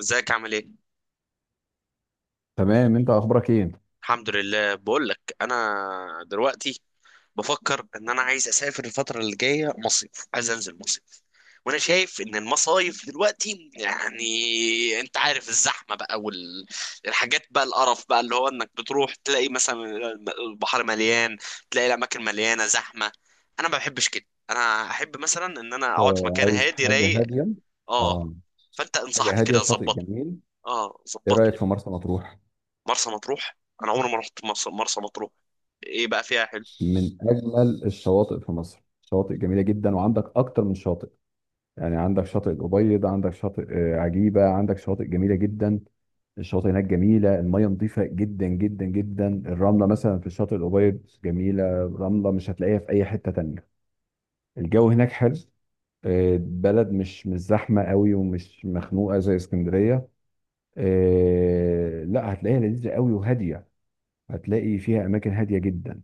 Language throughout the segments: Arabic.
ازيك، عامل ايه؟ تمام، انت اخبارك ايه؟ الحمد لله. بقول لك انا دلوقتي بفكر ان انا عايز اسافر الفتره اللي جايه مصيف، عايز انزل مصيف. وانا شايف ان المصايف دلوقتي يعني انت عارف الزحمه بقى، والحاجات بقى، القرف بقى، اللي هو انك بتروح تلاقي مثلا البحر مليان، تلاقي الاماكن مليانه زحمه. انا ما بحبش كده، انا احب مثلا ان انا اقعد في مكان عايز هادي حاجة رايق. هادية. اه. اه، فانت حاجة انصحني هادية، كده، شاطئ ظبطني. جميل. اه، ايه رأيك ظبطني. في مرسى مطروح؟ مرسى مطروح. انا عمري ما رحت مرسى مطروح. ايه بقى فيها حلو؟ من اجمل الشواطئ في مصر، شواطئ جميلة جدا وعندك اكتر من شاطئ. يعني عندك شاطئ الأبيض، عندك شاطئ عجيبة، عندك شواطئ جميلة جدا. الشواطئ هناك جميلة، المية نظيفة جدا جدا جدا، الرملة مثلا في الشاطئ الأبيض جميلة. رملة مش هتلاقيها في أي حتة تانية. الجو هناك حلو. بلد مش زحمة قوي ومش مخنوقة زي اسكندرية. آه، لا هتلاقيها لذيذة قوي وهادية. هتلاقي فيها أماكن هادية جدا.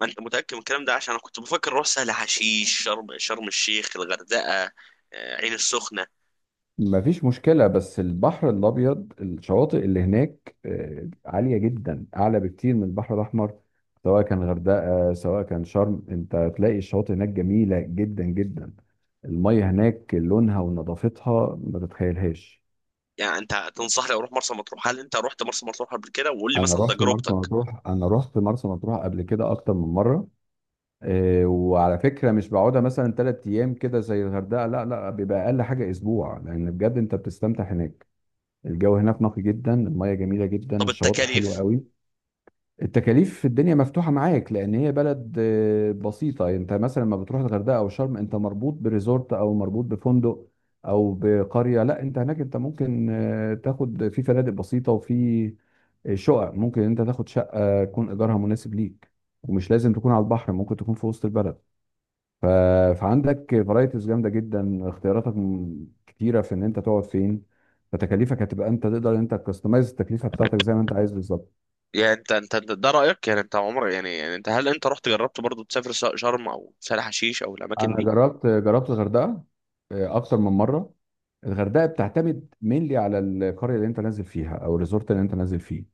ما انت متاكد من الكلام ده؟ عشان انا كنت بفكر اروح سهل حشيش، شرم الشيخ، الغردقه، عين السخنه. مفيش مشكلة، بس البحر الأبيض الشواطئ اللي هناك عالية جدا، أعلى بكتير من البحر الأحمر. سواء كان غردقة سواء كان شرم، أنت هتلاقي الشواطئ هناك جميلة جدا جدا. المية هناك لونها ونظافتها ما تتخيلهاش. يعني انت تنصحني اروح مرسى مطروح؟ هل انت رحت مرسى مطروح قبل كده؟ وقول لي مثلا تجربتك. أنا رحت مرسى مطروح قبل كده أكتر من مرة. إيه، وعلى فكره مش بقعدها مثلا ثلاث ايام كده زي الغردقه، لا لا، بيبقى اقل حاجه اسبوع، لان بجد انت بتستمتع هناك. الجو هناك نقي جدا، الميه جميله جدا، طب، الشواطئ حلوه التكاليف؟ قوي. التكاليف في الدنيا مفتوحه معاك، لان هي بلد بسيطه. انت مثلا لما بتروح الغردقه او شرم، انت مربوط بريزورت او مربوط بفندق او بقريه. لا، انت هناك انت ممكن تاخد في فنادق بسيطه، وفي شقق، ممكن انت تاخد شقه يكون ايجارها مناسب ليك. ومش لازم تكون على البحر، ممكن تكون في وسط البلد. فعندك فرايتيز جامده جدا، اختياراتك كتيره في ان انت تقعد فين. فتكاليفك هتبقى انت تقدر انت تكستمايز التكلفه بتاعتك زي ما انت عايز بالظبط. يعني ده رايك. يعني انت عمرك يعني انت، هل انت رحت جربت برضو تسافر شرم او سهل حشيش او الاماكن انا دي؟ جربت الغردقه، آه، اكتر من مره. الغردقه بتعتمد مينلي على القريه اللي انت نازل فيها او الريزورت اللي انت نازل فيه.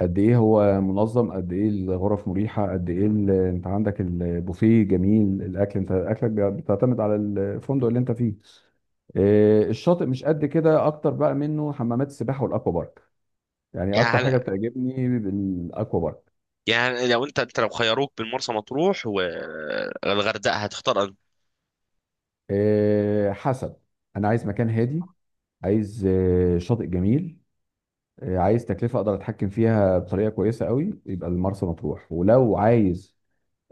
قد ايه هو منظم، قد ايه الغرف مريحه، قد ايه انت عندك البوفيه جميل، الاكل انت اكلك بيعتمد على الفندق اللي انت فيه. الشاطئ مش قد كده، اكتر بقى منه حمامات السباحه والاكوا بارك. يعني اكتر يعني حاجه هل، بتعجبني الاكوا بارك. يعني لو انت انت لو خيروك بين مرسى مطروح والغردقه هتختار انهي؟ آه، حسب. انا عايز مكان هادي، عايز شاطئ جميل، عايز تكلفه اقدر اتحكم فيها بطريقه كويسه قوي، يبقى المرسى مطروح. ولو عايز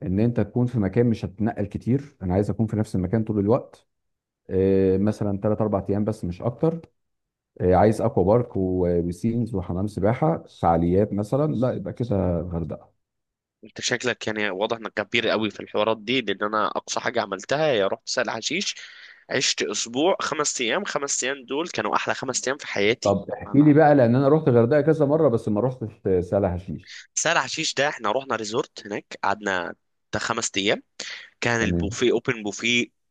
ان انت تكون في مكان مش هتتنقل كتير، انا عايز اكون في نفس المكان طول الوقت، مثلا 3 4 ايام بس مش اكتر، عايز اكوا بارك وبيسينز وحمام سباحه فعاليات مثلا، لا يبقى كده الغردقه. انت شكلك يعني واضح انك كبير قوي في الحوارات دي، لان انا اقصى حاجه عملتها هي رحت سهل حشيش. عشت اسبوع، 5 ايام. 5 ايام دول كانوا احلى 5 ايام في حياتي. طب احكي انا. لي بقى، لان انا رحت الغردقه كذا مره بس ما رحتش سهل حشيش. سهل حشيش ده احنا رحنا ريزورت هناك، قعدنا بتاع 5 ايام. كان تمام. البوفيه اوبن بوفيه.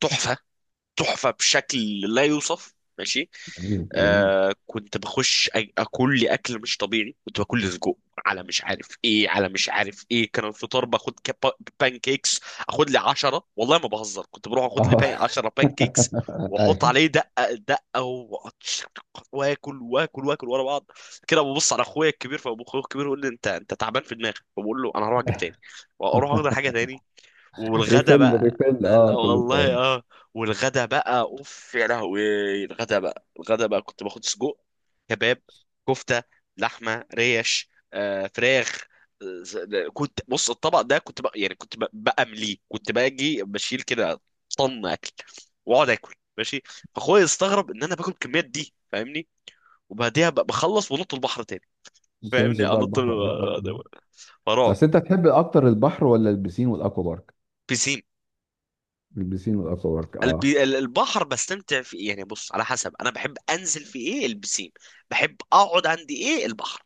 تحفه. تحفه بشكل لا يوصف، ماشي. جميل جميل. كنت بخش اكل لي اكل مش طبيعي، كنت باكل لي سجق، على مش عارف ايه، على مش عارف ايه. كان الفطار باخد كاب، بانكيكس. اخد لي 10، والله ما بهزر. كنت بروح اخد لي اه. بان 10 بانكيكس. واحط ايوه. عليه دقه دقه، وأقعد واكل واكل واكل ورا بعض. كده ببص على اخويا الكبير، فابو اخويا الكبير يقول لي انت تعبان في دماغك، فبقول له انا هروح اجيب تاني. واروح اخد حاجه تاني. والغدا ريفيل بقى. ريفيل لا اه كل والله. شويه. اه. والغدا بقى، اوف يا لهوي. الغدا بقى كنت باخد سجق، كباب، كفته، لحمه، ريش، فراخ. كنت بص الطبق ده، كنت بقى يعني كنت بأمليه، كنت باجي بشيل كده، طن اكل، واقعد اكل، ماشي. فاخويا استغرب ان انا باكل الكميات دي، فاهمني. وبعديها بخلص ونط البحر تاني. فاهمني، تنزل بقى انط البحر، اه، آه، آه. فرعب. بس انت تحب اكتر البحر ولا البسين والاكوا بارك؟ بيسين. البسين والاكوا بارك، اه. البحر بستمتع في إيه؟ يعني بص، على حسب. انا بحب انزل في ايه؟ البسين. بحب اقعد عندي ايه؟ البحر.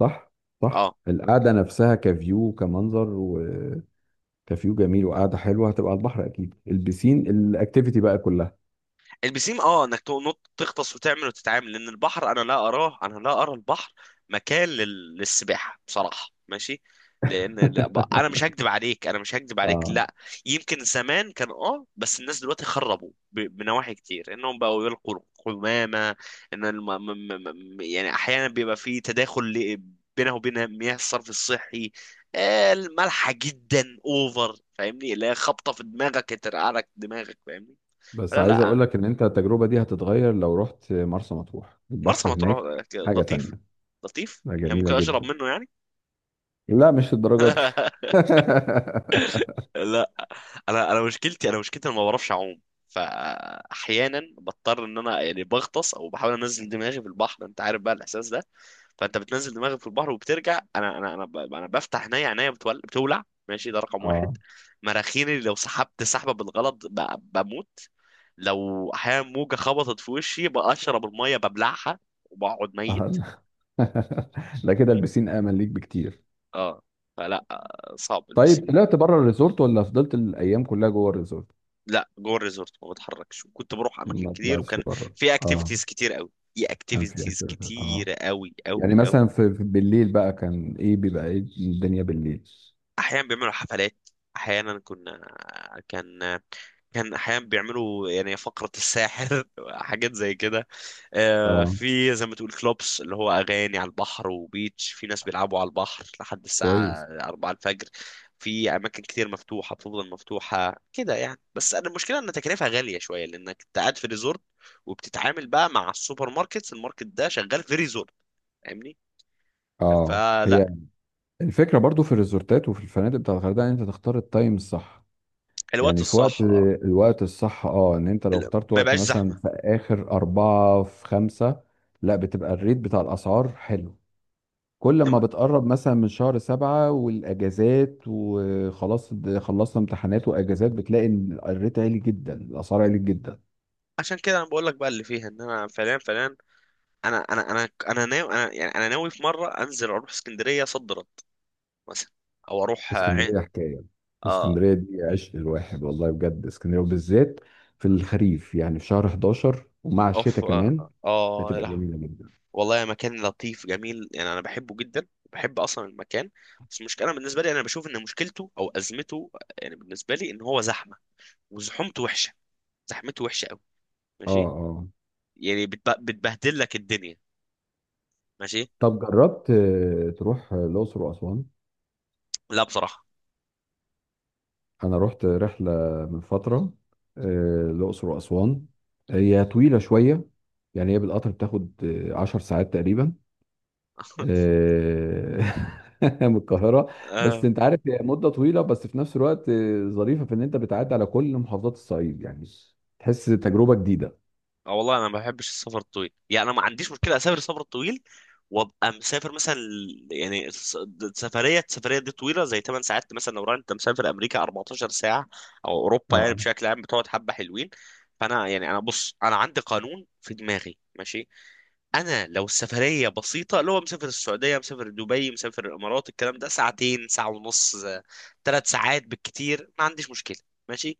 صح صح، اه. القعده نفسها كفيو، كمنظر وكفيو جميل، وقعده حلوه هتبقى على البحر. اكيد البسين الاكتيفيتي بقى كلها. البسيم، اه، انك تنط تغطس وتعمل وتتعامل. لان البحر، انا لا اراه، انا لا ارى البحر مكان للسباحه بصراحه، ماشي. لان انا مش هكدب عليك. اه. لا. يمكن زمان كان، بس الناس دلوقتي خربوا بنواحي كتير، انهم بقوا يلقوا القمامه. ان الم... م... م... م... يعني احيانا بيبقى في تداخل بينه وبين مياه الصرف الصحي، المالحه جدا اوفر، فاهمني، اللي هي خبطه في دماغك ترقع لك دماغك، فاهمني. بس لا، عايز اقول لا. لك ان انت التجربة دي هتتغير لو رحت مرسى مطروح، مرسى البحر هناك مطروح حاجة لطيف. تانية. لطيف لا، يعني، جميلة ممكن اشرب جدا. منه يعني. لا مش الدرجات دي. لا. انا انا مشكلتي، انا ما بعرفش اعوم. فاحيانا بضطر ان انا يعني بغطس او بحاول انزل دماغي في البحر، انت عارف بقى الاحساس ده. فانت بتنزل دماغك في البحر وبترجع. انا بفتح عينيا بتولع، ماشي. ده رقم واحد. اه، مراخيني، لو سحبت سحبه بالغلط بموت. لو احيانا موجه خبطت في وشي بقشرب الميه ببلعها، وبقعد ميت. آه. لا كده البسين امن ليك بكتير. اه. فلا، صعب بس. طيب طلعت بره الريزورت ولا فضلت الايام كلها جوه الريزورت؟ لا، جوه الريزورت ما بتحركش، وكنت بروح اماكن ما كتير، طلعتش وكان بره؟ في اه. اكتيفيتيز كتير قوي. في كان في اكتيفيتيز أكتر. اه. كتير، قوي يعني قوي قوي. مثلا في بالليل بقى كان ايه، بيبقى ايه الدنيا بالليل؟ احيانا بيعملوا حفلات. احيانا كنا. كان. كان احيانا بيعملوا يعني فقرة الساحر، حاجات زي كده. اه. في زي ما تقول كلوبس، اللي هو اغاني على البحر وبيتش. في ناس بيلعبوا على البحر لحد الساعة كويس. 4 الفجر. في اماكن كتير مفتوحة، بتفضل مفتوحة كده يعني. بس أنا المشكلة ان تكلفة غالية شوية لانك أنت قاعد في ريزورت، وبتتعامل بقى مع السوبر ماركتس، الماركت ده شغال في ريزورت. فاهمني. اه. فلا. هي الفكرة برضو في الريزورتات وفي الفنادق بتاع الغردقة ان انت تختار التايم الصح. الوقت يعني في وقت. الصح، اه. الوقت الصح، اه، ان انت لو اخترت ما وقت بقاش مثلا زحمة. في اخر 4 في 5. لا بتبقى الريت بتاع الاسعار حلو. كل ما بتقرب مثلا من شهر 7 والاجازات وخلاص، خلصنا امتحانات واجازات، بتلاقي ان الريت عالي جدا، الاسعار عالي جدا. عشان كده انا بقول لك بقى اللي فيها ان انا فعليا فعليا، انا انا انا انا ناوي، انا يعني انا ناوي في مره انزل اروح اسكندريه صد رد، مثلا، او اروح عين. اسكندريه حكايه. اه. اسكندريه دي عشق الواحد، والله بجد اسكندريه، وبالذات في الخريف، يعني في شهر 11 ومع اوف، الشتاء كمان، اه، آه يا بتبقى لهوي. جميله جدا. والله مكان لطيف جميل، يعني انا بحبه جدا. بحب اصلا المكان. بس المشكله بالنسبه لي، انا بشوف ان مشكلته او ازمته، يعني بالنسبه لي، ان هو زحمه. وزحومته وحشه. زحمته وحشه قوي. اه. ماشي. اه. يعني بتبهدل لك الدنيا. ماشي. طب جربت تروح الاقصر واسوان؟ لا بصراحه. انا رحت رحله من فتره، الاقصر واسوان. هي طويله شويه، يعني هي بالقطر بتاخد 10 ساعات تقريبا، آه، من القاهرة. بس آه. انت عارف هي مدة طويلة، بس في نفس الوقت ظريفة في ان انت بتعدي على كل محافظات الصعيد، يعني تحس تجربة جديدة. اه، والله انا ما بحبش السفر الطويل. يعني انا ما عنديش مشكله اسافر السفر الطويل، وابقى مسافر مثلا يعني السفريه دي طويله، زي 8 ساعات. مثلا لو انت مسافر امريكا 14 ساعه، او اوروبا، يعني اه. بشكل عام بتقعد حبه حلوين. فانا يعني انا بص، انا عندي قانون في دماغي، ماشي. انا لو السفريه بسيطه، اللي هو مسافر السعوديه، مسافر دبي، مسافر الامارات، الكلام ده ساعتين، ساعه ونص، 3 ساعات بالكتير، ما عنديش مشكله. ماشي.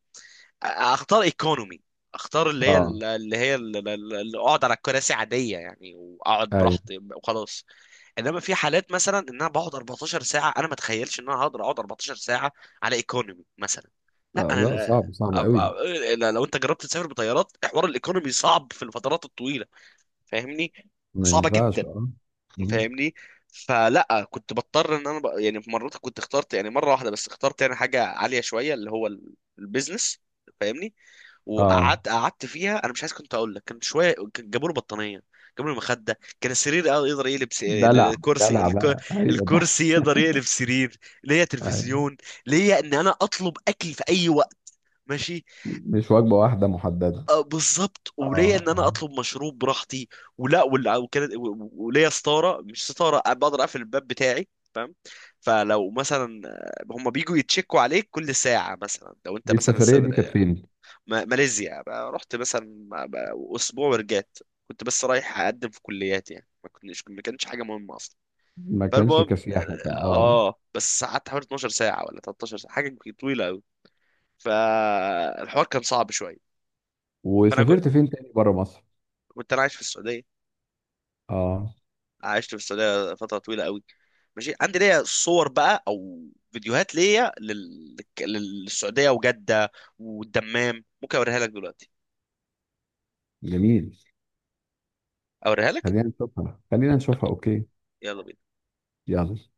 اختار ايكونومي. اختار اللي هي اه. اللي هي اللي اقعد على كراسي عاديه يعني، واقعد ايوه. براحتي وخلاص. انما في حالات مثلا ان انا بقعد 14 ساعه، انا ما اتخيلش ان انا هقدر اقعد 14 ساعه على ايكونومي مثلا. لا آه لا، انا. صعب أب- صعب قوي. أب- لا، لو انت جربت تسافر بطيارات، حوار الايكونومي صعب في الفترات الطويله، فاهمني. ما صعبه ينفعش، جدا. اه. مم. فاهمني. فلا كنت بضطر ان انا يعني، في مرات كنت اخترت يعني مره واحده بس، اخترت يعني حاجه عاليه شويه، اللي هو البيزنس. فاهمني. اه. وقعدت قعدت فيها، انا مش عايز كنت اقول لك، كان شويه. كان جابوا له بطانيه، جابوا له مخده، كان السرير يقدر يقلب دلع، الكرسي دلع بقى، ايوه ده. الكرسي يقدر يقلب سرير. ليا ايوه. تلفزيون. ليا ان انا اطلب اكل في اي وقت، ماشي. مش وجبة واحدة محددة؟ بالظبط. وليا اه. ان انا اه. اطلب مشروب براحتي. ولا وكانت وليا ستاره، مش ستاره، بقدر اقفل الباب بتاعي. فاهم. فلو مثلا هم بيجوا يتشكوا عليك كل ساعه، مثلا لو انت دي مثلا. السفرية دي كانت فين؟ ماليزيا بقى، رحت مثلا بقى اسبوع ورجعت. كنت بس رايح اقدم في كليات يعني، ما كانتش حاجه مهمه اصلا. ما كانش فالمهم، كسياحة كان، اه. اه، بس قعدت حوالي 12 ساعه ولا 13 ساعه، حاجه طويله قوي. فالحوار كان صعب شويه. فانا وسافرت فين تاني بره مصر؟ كنت انا عايش في السعوديه. اه. عشت في السعوديه فتره طويله قوي، ماشي. عندي ليا صور بقى، او فيديوهات ليا للسعوديه، وجده، والدمام. ممكن اوريها لك دلوقتي. جميل. اوريها لك. خلينا نشوفها، خلينا نشوفها. اوكي. يلا بينا. يلا.